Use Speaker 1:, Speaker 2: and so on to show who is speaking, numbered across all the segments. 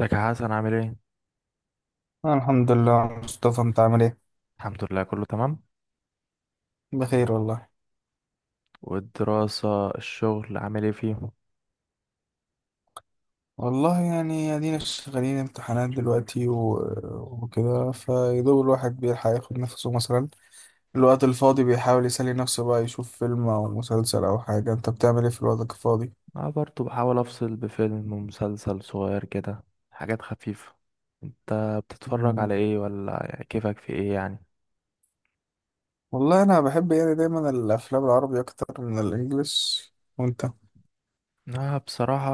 Speaker 1: ازيك يا حسن، عامل ايه؟
Speaker 2: الحمد لله مصطفى، انت عامل ايه؟
Speaker 1: الحمد لله كله تمام.
Speaker 2: بخير والله.
Speaker 1: والدراسة الشغل عامل ايه فيهم؟
Speaker 2: والله يعني ادينا شغالين امتحانات دلوقتي وكده، فيدوب الواحد بيلحق ياخد نفسه مثلا. الوقت الفاضي بيحاول يسلي نفسه بقى، يشوف فيلم او مسلسل او حاجة. انت بتعمل ايه في الوقت الفاضي؟
Speaker 1: أنا برضه بحاول أفصل بفيلم ومسلسل صغير كده، حاجات خفيفة. انت بتتفرج
Speaker 2: مم.
Speaker 1: على ايه ولا كيفك في ايه يعني؟
Speaker 2: والله انا بحب يعني دايما الافلام العربي اكتر من الانجليش. وانت؟
Speaker 1: أنا بصراحة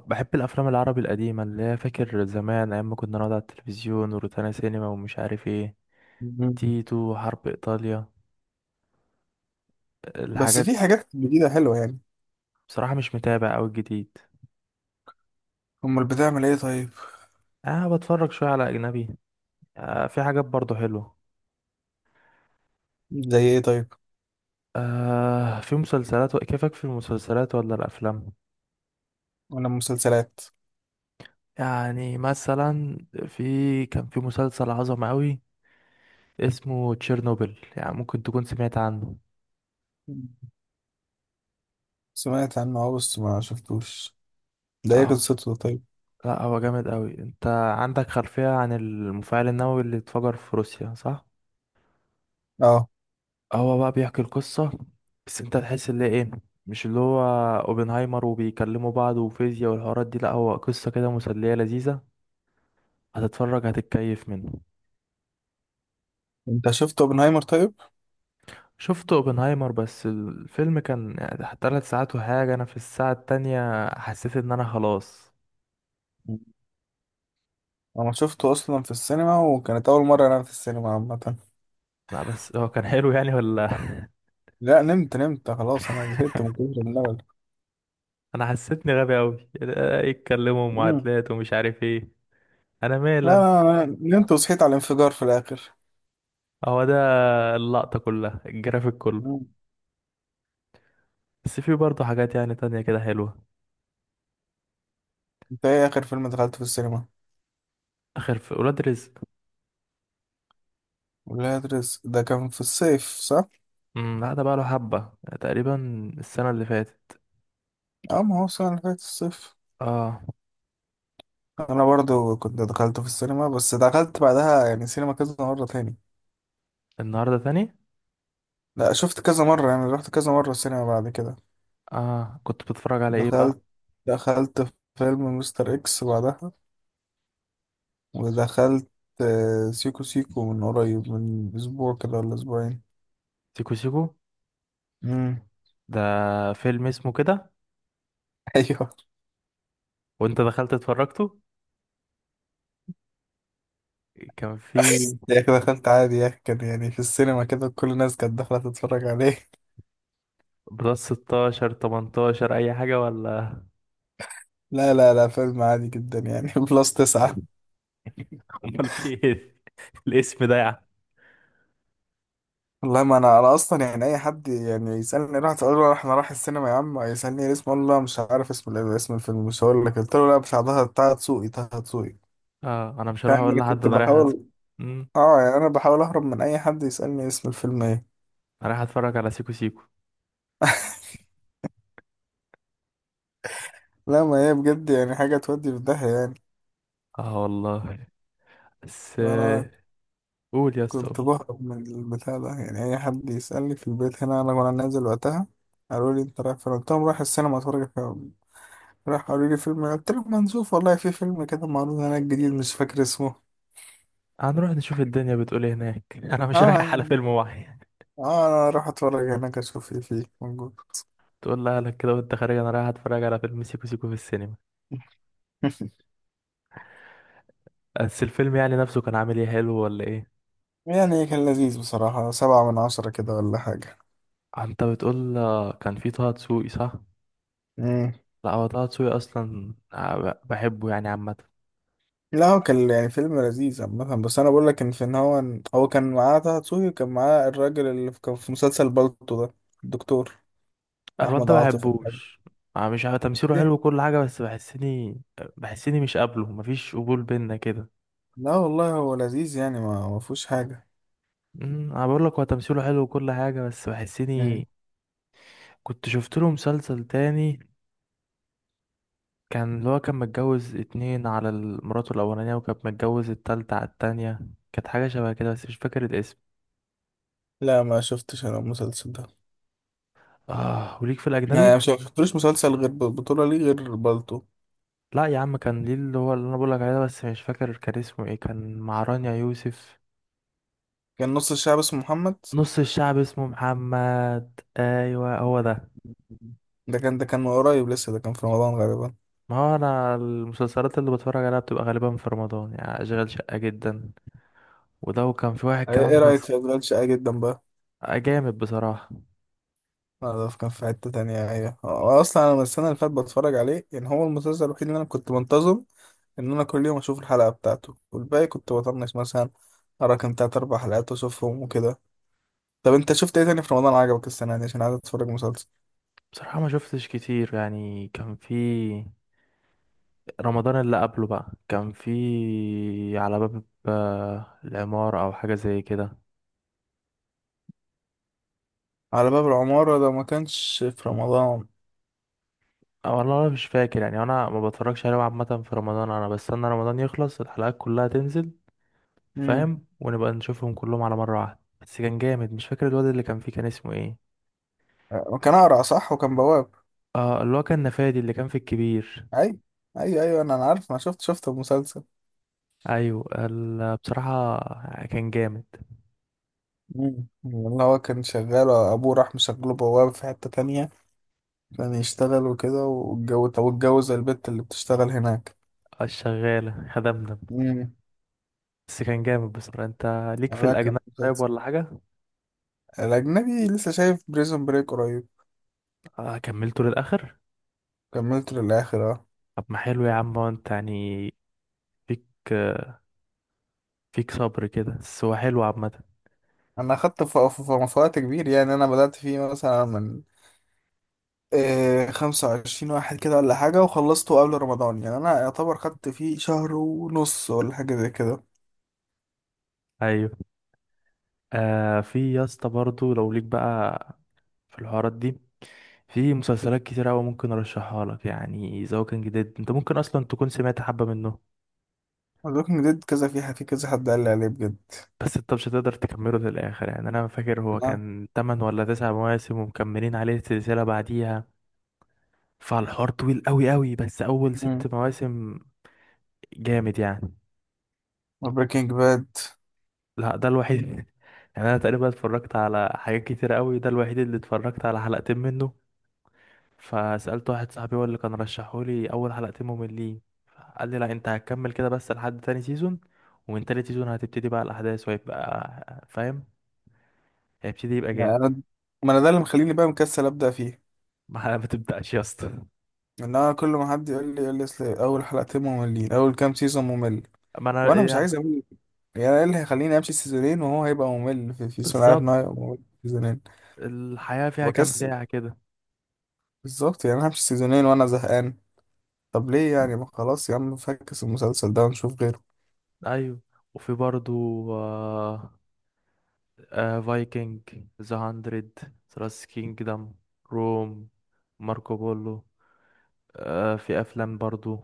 Speaker 1: بحب الأفلام العربي القديمة اللي هي فاكر زمان أيام ما كنا نقعد على التلفزيون وروتانا سينما ومش عارف ايه،
Speaker 2: مم.
Speaker 1: تيتو، حرب إيطاليا،
Speaker 2: بس
Speaker 1: الحاجات.
Speaker 2: في حاجات جديدة حلوة يعني.
Speaker 1: بصراحة مش متابع أوي الجديد.
Speaker 2: امال بتعمل ايه طيب؟
Speaker 1: أنا بتفرج شوية على أجنبي. آه، في حاجات برضه حلوة.
Speaker 2: زي ايه طيب؟
Speaker 1: آه، في مسلسلات. كيفك في المسلسلات ولا الأفلام؟
Speaker 2: ولا مسلسلات.
Speaker 1: يعني مثلا كان في مسلسل عظمة أوي اسمه تشيرنوبل، يعني ممكن تكون سمعت عنه.
Speaker 2: سمعت عنه اه، بس ما شفتوش. ده
Speaker 1: لا
Speaker 2: ايه
Speaker 1: هو
Speaker 2: قصته طيب؟
Speaker 1: لا هو جامد أوي. أنت عندك خلفية عن المفاعل النووي اللي اتفجر في روسيا، صح؟
Speaker 2: اه،
Speaker 1: هو بقى بيحكي القصة، بس أنت تحس اللي إيه، مش اللي هو اوبنهايمر وبيكلموا بعض وفيزياء والحوارات دي. لا هو قصة كده مسلية لذيذة، هتتفرج هتتكيف منه.
Speaker 2: انت شفت اوبنهايمر طيب؟
Speaker 1: شفت اوبنهايمر بس الفيلم كان يعني 3 ساعات وحاجة، انا في الساعة التانية حسيت ان انا خلاص.
Speaker 2: مم. انا شفته اصلا في السينما، وكانت اول مره انام في السينما عامه.
Speaker 1: لا بس هو كان حلو يعني ولا؟
Speaker 2: لا، نمت نمت خلاص، انا زهقت من كتر الملل.
Speaker 1: انا حسيتني غبي اوي، يتكلموا
Speaker 2: مم.
Speaker 1: معادلات ومش عارف ايه، انا مال
Speaker 2: لا
Speaker 1: انا.
Speaker 2: لا لا، نمت وصحيت على الانفجار في الاخر.
Speaker 1: هو ده، اللقطة كلها، الجرافيك كله.
Speaker 2: مم.
Speaker 1: بس في برضه حاجات يعني تانية كده حلوة.
Speaker 2: انت ايه اخر فيلم دخلت في السينما؟
Speaker 1: اخر في ولاد رزق.
Speaker 2: ولاد رزق ده كان في الصيف صح؟
Speaker 1: لا ده بقى له حبة، تقريبا السنة اللي فاتت.
Speaker 2: اه، ما هو السنه اللي فاتت الصيف.
Speaker 1: اه.
Speaker 2: انا برضو كنت دخلت في السينما، بس دخلت بعدها يعني سينما كذا مره تاني.
Speaker 1: النهاردة تاني.
Speaker 2: لا، شفت كذا مره، يعني رحت كذا مره السينما بعد كده.
Speaker 1: اه، كنت بتتفرج على ايه بقى؟
Speaker 2: دخلت دخلت فيلم مستر اكس بعدها. ودخلت سيكو سيكو من قريب، من اسبوع كده ولا اسبوعين.
Speaker 1: سيكو سيكو؟
Speaker 2: امم.
Speaker 1: ده فيلم اسمه كده؟
Speaker 2: ايوه.
Speaker 1: وانت دخلت اتفرجته؟ كان في
Speaker 2: يا اخي دخلت عادي يا اخي، كان يعني في السينما كده كل الناس كانت داخله تتفرج عليه.
Speaker 1: بلس 16 18 اي حاجة ولا؟
Speaker 2: لا لا لا، فيلم عادي جدا يعني. +9.
Speaker 1: امال في ايه الاسم ده يعني؟
Speaker 2: والله، ما انا اصلا يعني اي حد يعني يسالني راح تقول له احنا رايح السينما يا عم، يسالني إيه اسمه، اقول له لا مش عارف اسم اسم الفيلم مش هقول لك. قلت له لا مش هحضرها، بتاع تسوقي بتاع تسوقي طه دسوقي.
Speaker 1: اه انا مش هروح
Speaker 2: فاهم
Speaker 1: اقول
Speaker 2: انا
Speaker 1: لحد
Speaker 2: كنت
Speaker 1: انا رايح
Speaker 2: بحاول.
Speaker 1: مم.
Speaker 2: اه يعني انا بحاول اهرب من اي حد يسألني اسم الفيلم ايه.
Speaker 1: انا رايح اتفرج على سيكو سيكو.
Speaker 2: لا ما هي بجد يعني حاجة تودي في داهية يعني.
Speaker 1: اه والله. بس
Speaker 2: انا
Speaker 1: قول يا اسطى قول.
Speaker 2: كنت بهرب من البتاع ده، يعني اي حد يسألني في البيت. هنا انا وانا نازل وقتها قالوا لي انت رايح فين؟ قلت لهم رايح السينما اتفرج فيلم. راح قالوا لي فيلم إيه؟ قلت لهم ما نشوف والله، في فيلم كده معروض هناك جديد مش فاكر اسمه.
Speaker 1: هنروح نشوف الدنيا بتقول ايه هناك. انا مش
Speaker 2: اه
Speaker 1: رايح على
Speaker 2: يعني.
Speaker 1: فيلم واحد.
Speaker 2: اه انا راح اتفرج هناك اشوف ايه فيه موجود.
Speaker 1: تقول لأهلك كده وانت خارج انا رايح اتفرج على فيلم سيكو سيكو في السينما. بس الفيلم يعني نفسه كان عامل ايه، حلو ولا ايه؟
Speaker 2: يعني كان لذيذ بصراحة، 7/10 كده ولا حاجة.
Speaker 1: انت بتقول كان في طه دسوقي صح؟
Speaker 2: مم.
Speaker 1: لا هو طه دسوقي اصلا بحبه يعني عامه.
Speaker 2: لا هو كان يعني فيلم لذيذ عامة، بس أنا بقول لك إن في إن هو هو كان معاه طه دسوقي، وكان معاه الراجل اللي كان في مسلسل بالطو ده، الدكتور
Speaker 1: الواد
Speaker 2: أحمد
Speaker 1: ده
Speaker 2: عاطف ولا حاجة.
Speaker 1: بحبوش. آه، مش عارف، تمثيله حلو
Speaker 2: ليه؟
Speaker 1: وكل حاجه بس بحسني. بحسني مش قابله، مفيش قبول بينا كده.
Speaker 2: لا والله هو لذيذ يعني، ما ما فيهوش حاجة.
Speaker 1: انا بقول لك هو تمثيله حلو وكل حاجه بس
Speaker 2: مم.
Speaker 1: بحسني. كنت شفت له مسلسل تاني كان اللي هو كان متجوز اتنين على مراته الاولانيه وكان متجوز التالتة على التانية. كانت حاجه شبه كده بس مش فاكر الاسم.
Speaker 2: لا ما شفتش أنا المسلسل ده.
Speaker 1: اه وليك في
Speaker 2: يعني
Speaker 1: الاجنبي؟
Speaker 2: مش ما شفتلوش مسلسل غير بطولة ليه غير بالطو.
Speaker 1: لا يا عم، كان ليه، اللي هو اللي انا بقول لك عليه ده بس مش فاكر كان اسمه ايه، كان مع رانيا يوسف.
Speaker 2: كان نص الشعب اسمه محمد.
Speaker 1: نص الشعب اسمه محمد، ايوه هو ده.
Speaker 2: ده كان من قريب لسه، ده كان في رمضان غالبا.
Speaker 1: ما هو انا المسلسلات اللي بتفرج عليها بتبقى غالبا في رمضان، يعني اشغال شقة جدا. وده، وكان في واحد
Speaker 2: إيه
Speaker 1: كمان
Speaker 2: رأيك في
Speaker 1: بس.
Speaker 2: أشغال شقة جدا بقى؟
Speaker 1: آه، جامد بصراحة.
Speaker 2: آه، ده كان في حتة تانية. أيوة، هو أصلا أنا من السنة اللي فاتت بتفرج عليه، يعني هو المسلسل الوحيد اللي أنا كنت منتظم إن أنا كل يوم أشوف الحلقة بتاعته، والباقي كنت بطنش مثلا. أراكم 3 أو 4 حلقات وأشوفهم وكده. طب أنت شفت إيه تاني في رمضان عجبك السنة دي؟ عشان عايز أتفرج مسلسل.
Speaker 1: بصراحة ما شفتش كتير، يعني كان في رمضان اللي قبله بقى كان في على باب العمارة او حاجة زي كده.
Speaker 2: على باب العمارة ده ما كانش في رمضان.
Speaker 1: أو والله أنا مش فاكر يعني، انا ما بتفرجش عليه عامة في رمضان، انا بستنى رمضان يخلص الحلقات كلها تنزل،
Speaker 2: امم.
Speaker 1: فاهم، ونبقى نشوفهم كلهم على مرة واحدة. بس كان جامد، مش فاكر الواد اللي كان فيه كان اسمه ايه.
Speaker 2: وكان أقرع صح، وكان بواب.
Speaker 1: اه، اللي هو كان نفادي اللي كان في الكبير.
Speaker 2: أي أيوة أيوة، أنا عارف، ما شفت شفت المسلسل.
Speaker 1: ايوه بصراحة كان جامد.
Speaker 2: امم. اللي هو كان شغال، أبوه راح مشغله بواب في حتة تانية، كان يشتغل وكده واتجوز. طب واتجوز البت اللي بتشتغل هناك.
Speaker 1: الشغالة خدمنا.
Speaker 2: مم.
Speaker 1: بس كان جامد بصراحة. انت ليك في
Speaker 2: لا كان
Speaker 1: الأجنبي طيب
Speaker 2: مسلسل.
Speaker 1: ولا حاجة؟
Speaker 2: الأجنبي لسه شايف بريزون بريك قريب.
Speaker 1: آه كملته للآخر.
Speaker 2: كملته للآخر اه.
Speaker 1: طب ما حلو يا عم، هو انت يعني فيك فيك صبر كده، بس هو حلو عامة.
Speaker 2: أنا أخدت في وقت كبير يعني، أنا بدأت فيه مثلا من 25/1 كده ولا حاجة، وخلصته قبل رمضان. يعني أنا يعتبر خدت فيه شهر ونص ولا حاجة زي كده.
Speaker 1: ايوه. آه في يا اسطى برضه لو ليك بقى في الحوارات دي، في مسلسلات كتير أوي ممكن أرشحها لك، يعني إذا هو كان جديد أنت ممكن أصلا تكون سمعت حبة منه.
Speaker 2: ولكن جد كذا، في في كذا حد قال لي عليه بجد.
Speaker 1: بس أنت مش هتقدر تكمله للآخر، يعني أنا فاكر هو كان تمن ولا تسع مواسم ومكملين عليه سلسلة بعديها، فالحوار طويل أوي أوي، بس أول
Speaker 2: مم.
Speaker 1: 6 مواسم جامد يعني.
Speaker 2: بريكنج باد.
Speaker 1: لا ده الوحيد. يعني أنا تقريبا اتفرجت على حاجات كتير أوي، ده الوحيد اللي اتفرجت على حلقتين منه، فسألت واحد صاحبي هو اللي كان رشحهولي، أول حلقتين مملين. قال لي لا أنت هتكمل كده بس لحد تاني سيزون، ومن تالت سيزون هتبتدي بقى الأحداث وهيبقى فاهم هيبتدي يبقى
Speaker 2: ما
Speaker 1: جامد.
Speaker 2: أنا ما أنا ده اللي مخليني بقى مكسل أبدأ فيه.
Speaker 1: ما تبدأش يا اسطى.
Speaker 2: لا، كل ما حد يقول لي اصل اول حلقتين مملين، اول كام سيزون ممل.
Speaker 1: ما أنا
Speaker 2: وانا مش
Speaker 1: يعني،
Speaker 2: عايز اقول يعني ايه اللي هيخليني امشي سيزونين وهو هيبقى ممل في سيزون؟ عارف ان
Speaker 1: بالظبط،
Speaker 2: هو هيبقى ممل في سيزونين.
Speaker 1: الحياة فيها كام
Speaker 2: بكسل.
Speaker 1: ساعة كده؟
Speaker 2: بالظبط، يعني انا همشي سيزونين وانا زهقان. طب ليه يعني؟ ما خلاص يا عم، فكس المسلسل ده ونشوف غيره.
Speaker 1: أيوه. وفي برضو فايكنج، ذا هاندرد، ثلاث كينجدم، روم، ماركو بولو. في أفلام برضو،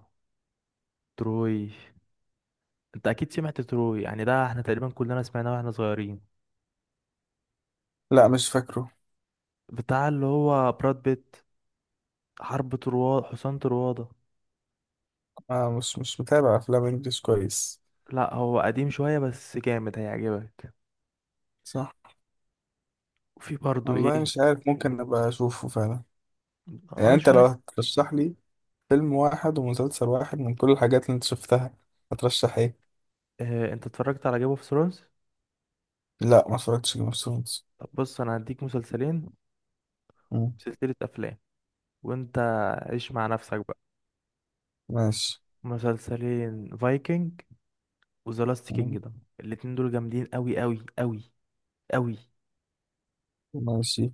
Speaker 1: تروي. انت اكيد سمعت تروي، يعني ده احنا تقريبا كلنا سمعناه واحنا صغيرين،
Speaker 2: لا مش فاكره.
Speaker 1: بتاع اللي هو براد بيت، حرب طروادة، حصان طروادة.
Speaker 2: آه، مش متابع افلام انجلش كويس.
Speaker 1: لا هو قديم شوية بس جامد هيعجبك.
Speaker 2: صح.
Speaker 1: وفي برضو
Speaker 2: والله
Speaker 1: ايه،
Speaker 2: مش عارف، ممكن ابقى اشوفه فعلا. يعني
Speaker 1: اه
Speaker 2: انت لو
Speaker 1: شوية.
Speaker 2: هترشح لي فيلم واحد ومسلسل واحد من كل الحاجات اللي انت شفتها هترشح ايه؟
Speaker 1: اه انت اتفرجت على جيم اوف ثرونز؟
Speaker 2: لا ما اتفرجتش جيم اوف ثرونز.
Speaker 1: طب بص، انا هديك مسلسلين، سلسلة افلام، وانت عيش مع نفسك بقى.
Speaker 2: ماشي.
Speaker 1: مسلسلين: فايكنج وذا لاست
Speaker 2: مم.
Speaker 1: كينجدم، الاتنين دول جامدين قوي قوي قوي قوي.
Speaker 2: ماشي.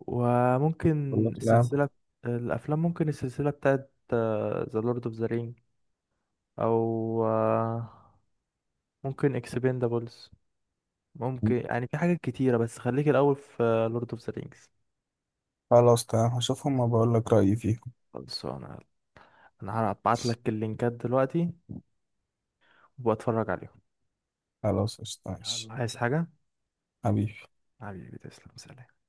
Speaker 1: وممكن
Speaker 2: اقول لك لا.
Speaker 1: السلسلة، الأفلام، ممكن السلسلة بتاعت ذا لورد اوف ذا رينج، أو ممكن اكسبندابلز، ممكن يعني في حاجات كتيرة بس خليك الأول في لورد اوف ذا رينجز.
Speaker 2: خلاص تمام، هشوفهم وبقول لك رأيي فيهم.
Speaker 1: خلاص. أنا هبعت لك اللينكات دلوقتي وأتفرج عليهم.
Speaker 2: خلاص قشطة،
Speaker 1: يلا
Speaker 2: ماشي.
Speaker 1: عايز حاجة؟
Speaker 2: حبيبي.
Speaker 1: حبيبي تسلم سلام.